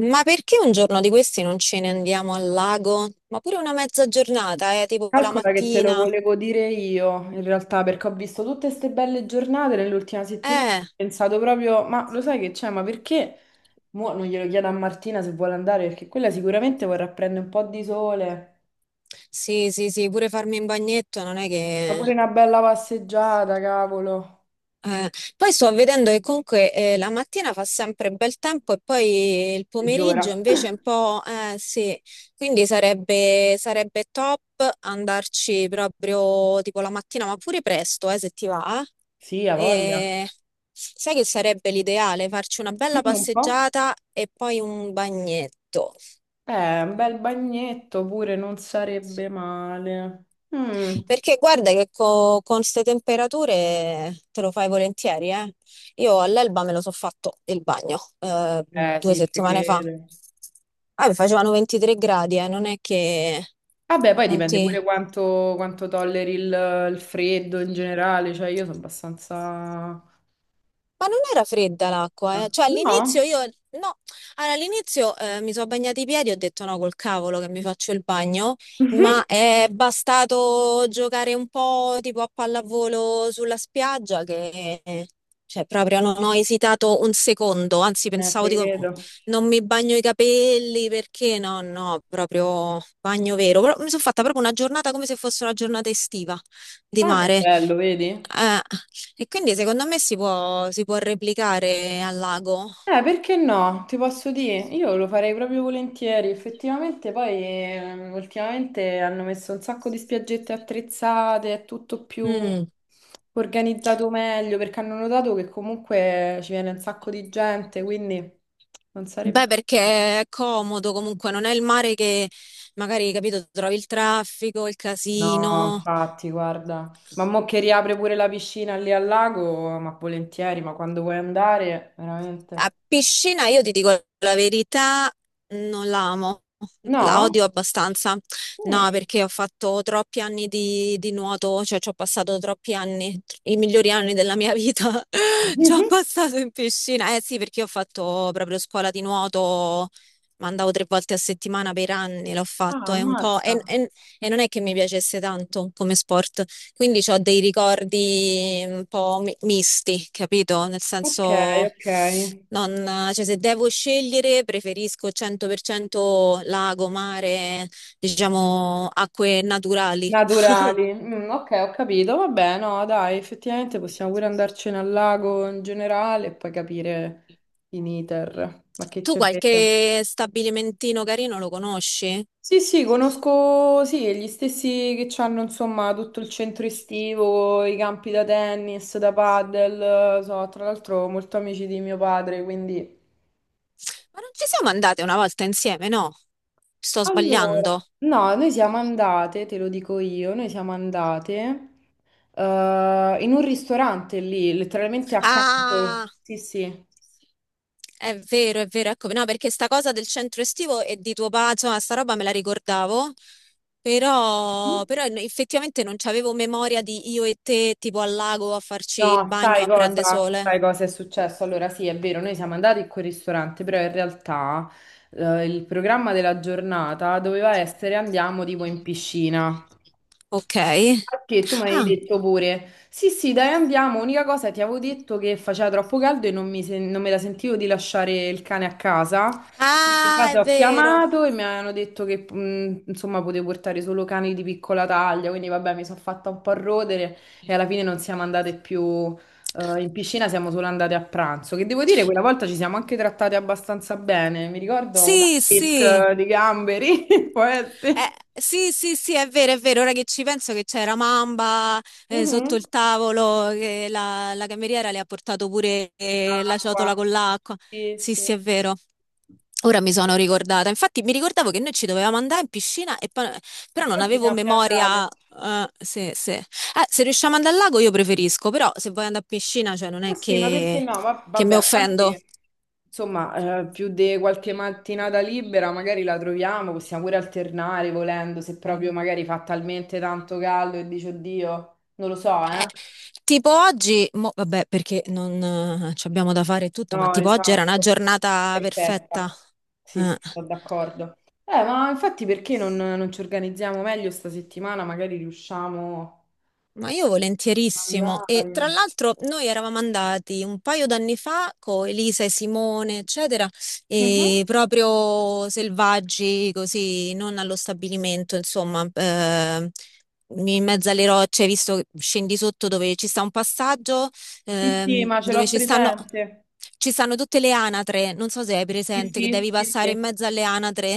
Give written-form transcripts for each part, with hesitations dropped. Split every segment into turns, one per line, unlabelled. Ma perché un giorno di questi non ce ne andiamo al lago? Ma pure una mezza giornata, tipo la
Calcola che te lo
mattina.
volevo dire io, in realtà, perché ho visto tutte queste belle giornate nell'ultima settimana. Ho
Eh,
pensato proprio, ma lo sai che c'è, ma perché? Mo non glielo chiedo a Martina se vuole andare, perché quella sicuramente vorrà prendere un po' di sole.
sì, sì, sì, pure farmi un bagnetto non è
Ma
che...
pure una bella passeggiata, cavolo.
Eh, poi sto vedendo che comunque la mattina fa sempre bel tempo e poi il pomeriggio
Peggiora.
invece è un po'... sì, quindi sarebbe top andarci proprio tipo la mattina, ma pure presto, se ti va.
Sì, ha voglia.
E sai che sarebbe l'ideale? Farci una bella
Dimmi un po'.
passeggiata e poi un bagnetto.
Un bel bagnetto pure non sarebbe male. Mm.
Perché guarda che con queste temperature te lo fai volentieri, eh. Io all'Elba me lo so fatto il bagno,
Eh
due
sì, te
settimane fa.
credo.
Ah, mi facevano 23 gradi, non è che
Vabbè, poi
non
dipende pure
ti...
quanto tolleri il freddo in generale, cioè io sono abbastanza...
Ma non era fredda l'acqua, eh? Cioè
No?
no, allora, all'inizio mi sono bagnati i piedi e ho detto no, col cavolo che mi faccio il bagno,
Mhm.
ma è bastato giocare un po' tipo a pallavolo sulla spiaggia che, cioè proprio non ho esitato un secondo, anzi pensavo,
Te
dico, "Oh,
credo.
non mi bagno i capelli perché no, no, proprio bagno vero." Però mi sono fatta proprio una giornata come se fosse una giornata estiva di
Ah, che
mare.
bello, vedi?
Eh, e quindi secondo me si può replicare al lago.
Perché no? Ti posso dire, io lo farei proprio volentieri. Effettivamente poi ultimamente hanno messo un sacco di spiaggette attrezzate, è tutto più
Mm.
organizzato meglio, perché hanno notato che comunque ci viene un sacco di gente, quindi non
Beh,
sarebbe...
perché è comodo comunque, non è il mare che magari, capito, trovi il traffico, il
No,
casino.
infatti, guarda, ma mo che riapre pure la piscina lì al lago, ma volentieri, ma quando vuoi andare,
A
veramente.
piscina, io ti dico la verità, non la amo, la
No?
odio abbastanza. No,
Mm.
perché ho fatto troppi anni di nuoto, cioè ci ho passato troppi anni, i migliori anni della mia vita, ci ho
Mhm.
passato in piscina. Eh sì, perché io ho fatto proprio scuola di nuoto, ma andavo 3 volte a settimana per anni, l'ho
Ah,
fatto, è un po'...
ammazza.
e non è che mi piacesse tanto come sport. Quindi ho dei ricordi un po' misti, capito? Nel
Ok,
senso,
ok.
cioè, se devo scegliere, preferisco 100% lago, mare, diciamo, acque naturali.
Naturali. Mm, ok, ho capito. Vabbè, no, dai, effettivamente possiamo pure andarcene al lago in generale e poi capire in iter. Ma che
Tu
c'è frega?
qualche stabilimentino carino lo conosci?
Sì, sì, conosco sì, gli stessi che hanno insomma tutto il centro estivo, i campi da tennis, da padel, so, tra l'altro molto amici di mio padre, quindi...
Ma non ci siamo andate una volta insieme, no? Sto
Allora,
sbagliando.
no, noi siamo andate, te lo dico io, noi siamo andate in un ristorante lì, letteralmente accanto.
Ah,
Sì, sì.
è vero, ecco, no, perché sta cosa del centro estivo e di tuo padre, insomma, sta roba me la ricordavo, però effettivamente non c'avevo memoria di io e te, tipo al lago a farci il
No,
bagno
sai
a prende
cosa?
sole.
Sai cosa è successo? Allora, sì, è vero, noi siamo andati in quel ristorante, però in realtà il programma della giornata doveva essere andiamo tipo in piscina.
Ok.
Che tu mi hai
Ah,
detto pure, sì, sì, dai, andiamo. Unica cosa, ti avevo detto che faceva troppo caldo e non non me la sentivo di lasciare il cane a casa. Quindi di
ah,
base
è
ho
vero.
chiamato e mi hanno detto che insomma potevo portare solo cani di piccola taglia. Quindi vabbè, mi sono fatta un po' rodere e alla fine non siamo andate più in piscina, siamo solo andate a pranzo. Che devo dire, quella volta ci siamo anche trattate abbastanza bene. Mi ricordo una
Sì, sì.
pesca di gamberi, può essere.
Sì, sì, sì, è vero, è vero. Ora che ci penso che c'era Mamba, sotto
Mhm.
il tavolo, che la cameriera le ha portato pure, la
Acqua.
ciotola con l'acqua.
Sì,
Sì,
sì.
sì, è vero. Ora mi sono ricordata. Infatti mi ricordavo che noi ci dovevamo andare in piscina, e però non
Poi ci
avevo
siamo più
memoria,
andate.
se riusciamo ad andare al lago io preferisco, però se vuoi andare a piscina, cioè non è
Ma sì, ma perché no? Ma
che
vabbè,
mi
a parte
offendo.
che insomma, più di qualche mattinata libera magari la troviamo, possiamo pure alternare volendo, se proprio magari fa talmente tanto caldo e dici oddio, non lo so,
Eh,
eh.
tipo oggi, vabbè, perché non ci abbiamo da fare e tutto, ma
No,
tipo oggi era una
esatto.
giornata perfetta.
Perfetta. Sì, sì,
Eh.
sono d'accordo. Ma infatti perché non ci organizziamo meglio sta settimana? Magari riusciamo
Ma io
ad
volentierissimo. E tra
andare.
l'altro noi eravamo andati un paio d'anni fa con Elisa e Simone, eccetera,
Mhm.
e proprio selvaggi, così, non allo stabilimento, insomma, in mezzo alle rocce, visto che scendi sotto dove ci sta un passaggio,
Sì, sì, ma ce
dove
l'ho
ci stanno...
presente.
Ci stanno tutte le anatre, non so se hai
Sì,
presente che devi
sì, sì,
passare in
sì.
mezzo alle anatre,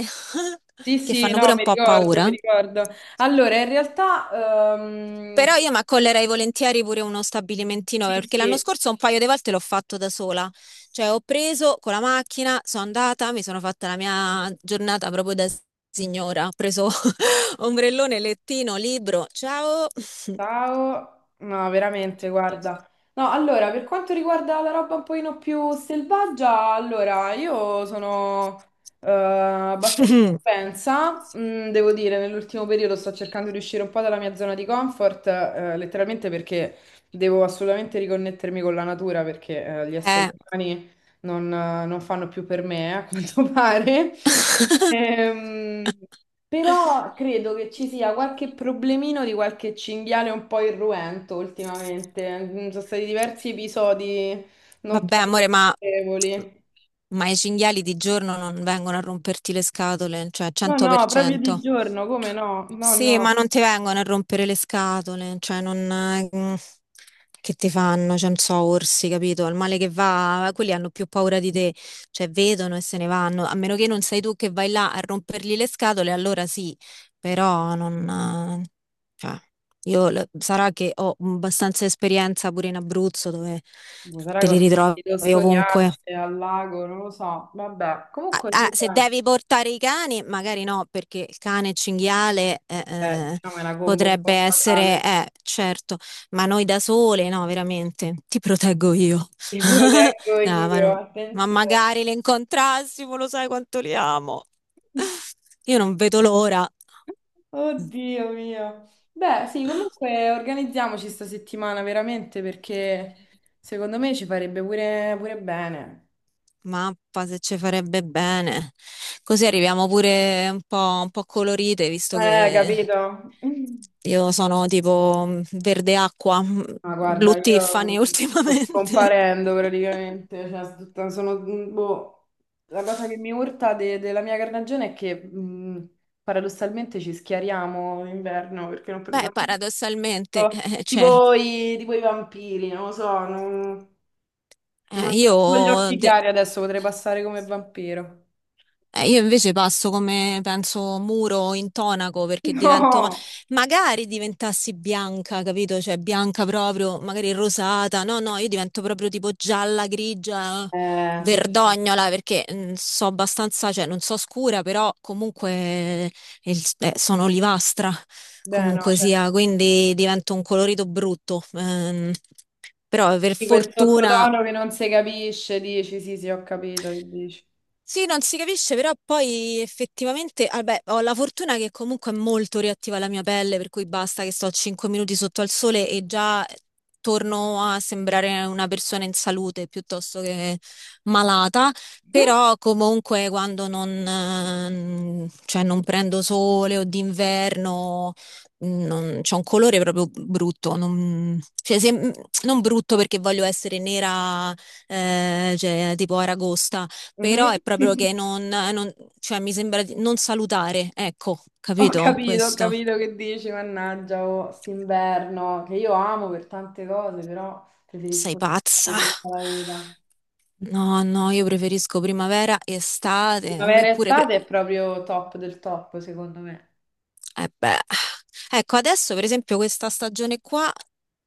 Sì,
che
sì,
fanno
no,
pure un
mi
po'
ricordo, mi
paura.
ricordo. Allora, in realtà, ehm,
Però io mi accollerei volentieri pure uno stabilimentino
sì,
perché l'anno
sì,
scorso un paio di volte l'ho fatto da sola. Cioè ho preso con la macchina, sono andata, mi sono fatta la mia giornata proprio da signora. Ho preso ombrellone, lettino, libro. Ciao!
ciao, no, veramente, guarda. No, allora, per quanto riguarda la roba un pochino più selvaggia, allora, io sono abbastanza propensa, mm, devo dire, nell'ultimo periodo sto cercando di uscire un po' dalla mia zona di comfort, letteralmente perché devo assolutamente riconnettermi con la natura, perché gli esseri
Eh.
umani non fanno più per me, a quanto pare. Ehm, Però credo che ci sia qualche problemino di qualche cinghiale un po' irruento ultimamente. Mm, sono stati diversi episodi non
Vabbè,
proprio
amore,
piacevoli.
ma i cinghiali di giorno non vengono a romperti le scatole, cioè
No, no, proprio di
100%.
giorno, come no? No,
Sì, ma
no.
non ti vengono a rompere le scatole, cioè non... mm, che ti fanno? Cioè, non so, orsi, capito? Al male che va, quelli hanno più paura di te, cioè vedono e se ne vanno, a meno che non sei tu che vai là a rompergli le scatole, allora sì, però non... eh, cioè, sarà che ho abbastanza esperienza pure in Abruzzo dove
Boh, sarà
te
che ho
li ritrovi
sentito
ovunque.
storiacce al lago, non lo so. Vabbè,
Ah,
comunque
ah,
sì,
se
dai.
devi portare i cani, magari no, perché il cane cinghiale,
Diciamo è una combo un
potrebbe
po'
essere,
fatale.
certo, ma noi da sole, no, veramente, ti proteggo io.
Ti proteggo
No, ma,
io,
non- ma
attenzione.
magari le incontrassimo, lo sai quanto li amo. Io non vedo l'ora.
Oddio mio. Beh, sì, comunque organizziamoci sta settimana veramente perché secondo me ci farebbe pure, pure bene.
Mappa se ci farebbe bene. Così arriviamo pure un po' colorite, visto che
Capito?
io sono tipo mm, verde acqua, mm,
Ma
blu
guarda,
Tiffany
io sto
ultimamente.
scomparendo praticamente, cioè, sono, mm, boh, la cosa che mi urta della mia carnagione è che paradossalmente ci schiariamo in inverno perché non
Beh,
prendiamo
paradossalmente, cioè,
tipo i vampiri, non lo so, non... Mi
eh,
mancano solo gli
io...
occhi
de-
chiari adesso, potrei passare come vampiro.
eh, io invece passo come, penso, muro intonaco perché divento, ma
No,
magari diventassi bianca, capito? Cioè bianca proprio, magari rosata. No, no, io divento proprio tipo gialla, grigia,
eh, sì.
verdognola perché mm, so abbastanza, cioè non so scura, però comunque sono olivastra,
Beh, no,
comunque
cioè,
sia, quindi divento un colorito brutto. Però per
di quel
fortuna.
sottotono che non si capisce, dici, sì, sì, ho capito che dici.
Sì, non si capisce, però poi effettivamente, ah, beh, ho la fortuna che comunque è molto reattiva la mia pelle, per cui basta che sto 5 minuti sotto al sole e già torno a sembrare una persona in salute piuttosto che malata, però comunque quando non, cioè non prendo sole o d'inverno non, c'è un colore proprio brutto, non, cioè, se- non brutto perché voglio essere nera, cioè, tipo Aragosta, però è
Mhm.
proprio che cioè mi sembra di non salutare, ecco, capito?
Ho
Questo.
capito che dici, mannaggia, oh, st'inverno, che io amo per tante cose, però
Sei
preferisco
pazza.
tutta la vita.
No, no, io preferisco primavera, estate, a me
Primavera e
pure... Pre...
estate è proprio top del top, secondo me.
Eh beh. Ecco, adesso per esempio questa stagione qua,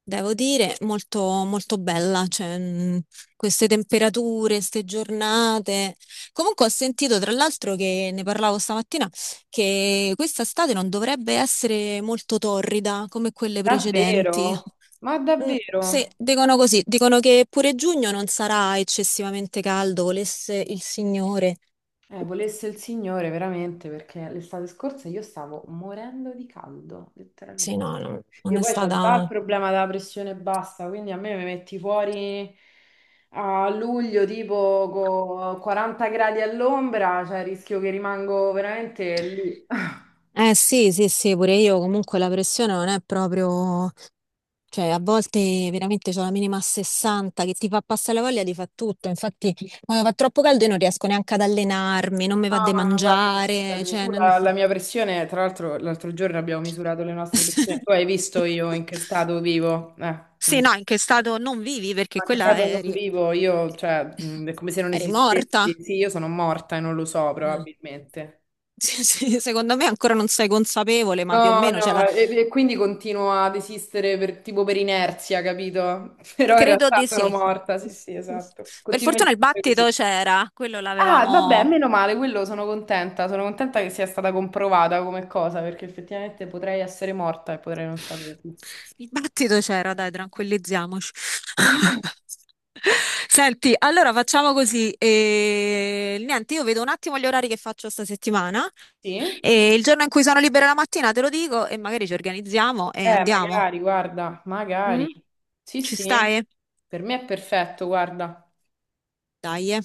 devo dire, molto, molto bella, cioè, queste temperature, queste giornate. Comunque ho sentito, tra l'altro, che ne parlavo stamattina, che questa estate non dovrebbe essere molto torrida come quelle precedenti.
Davvero? Ma
Mm, sì,
davvero?
dicono così, dicono che pure giugno non sarà eccessivamente caldo, volesse il Signore.
Volesse il Signore veramente perché l'estate scorsa io stavo morendo di caldo,
Sì,
letteralmente.
no, non
Io
è
poi ho già il
stata...
problema della pressione bassa, quindi a me mi metti fuori a luglio tipo con 40 gradi all'ombra, cioè rischio che rimango veramente lì.
Eh sì, sì, sì, pure io comunque la pressione non è proprio, cioè a volte veramente c'ho la minima a 60 che ti fa passare la voglia di fa tutto, infatti quando fa troppo caldo io non riesco neanche ad allenarmi, non mi va di
Mamma, guarda,
mangiare,
scusami,
cioè...
tu
non-
la mia pressione, tra l'altro l'altro giorno abbiamo misurato le nostre pressioni, tu hai visto io in che stato vivo? Mm.
Sì, no, in che stato non vivi perché
Anche
quella
Sado non
eri,
vivo, io, cioè, è come se non
eri morta.
esistessi. Sì, io sono morta e non lo so,
Eh.
probabilmente.
Sì, sì, secondo me ancora non sei consapevole, ma più o
No,
meno, cioè la
no, e quindi continuo ad esistere tipo per inerzia, capito? Però in
credo
realtà
di
sono
sì.
morta, sì, sì, esatto.
Per
Continuo a
fortuna il
esistere così.
battito c'era, quello
Ah, vabbè,
l'avevamo...
meno male, quello sono contenta. Sono contenta che sia stata comprovata come cosa, perché effettivamente potrei essere morta e potrei non saperlo.
Il battito c'era, dai, tranquillizziamoci. Senti, allora facciamo così. Niente, io vedo un attimo gli orari che faccio sta settimana
Sì?
e il giorno in cui sono libera la mattina te lo dico e magari ci organizziamo e andiamo.
Magari, guarda,
Mm?
magari. Sì,
Ci
sì,
stai?
per me è perfetto, guarda.
Dai. Eh.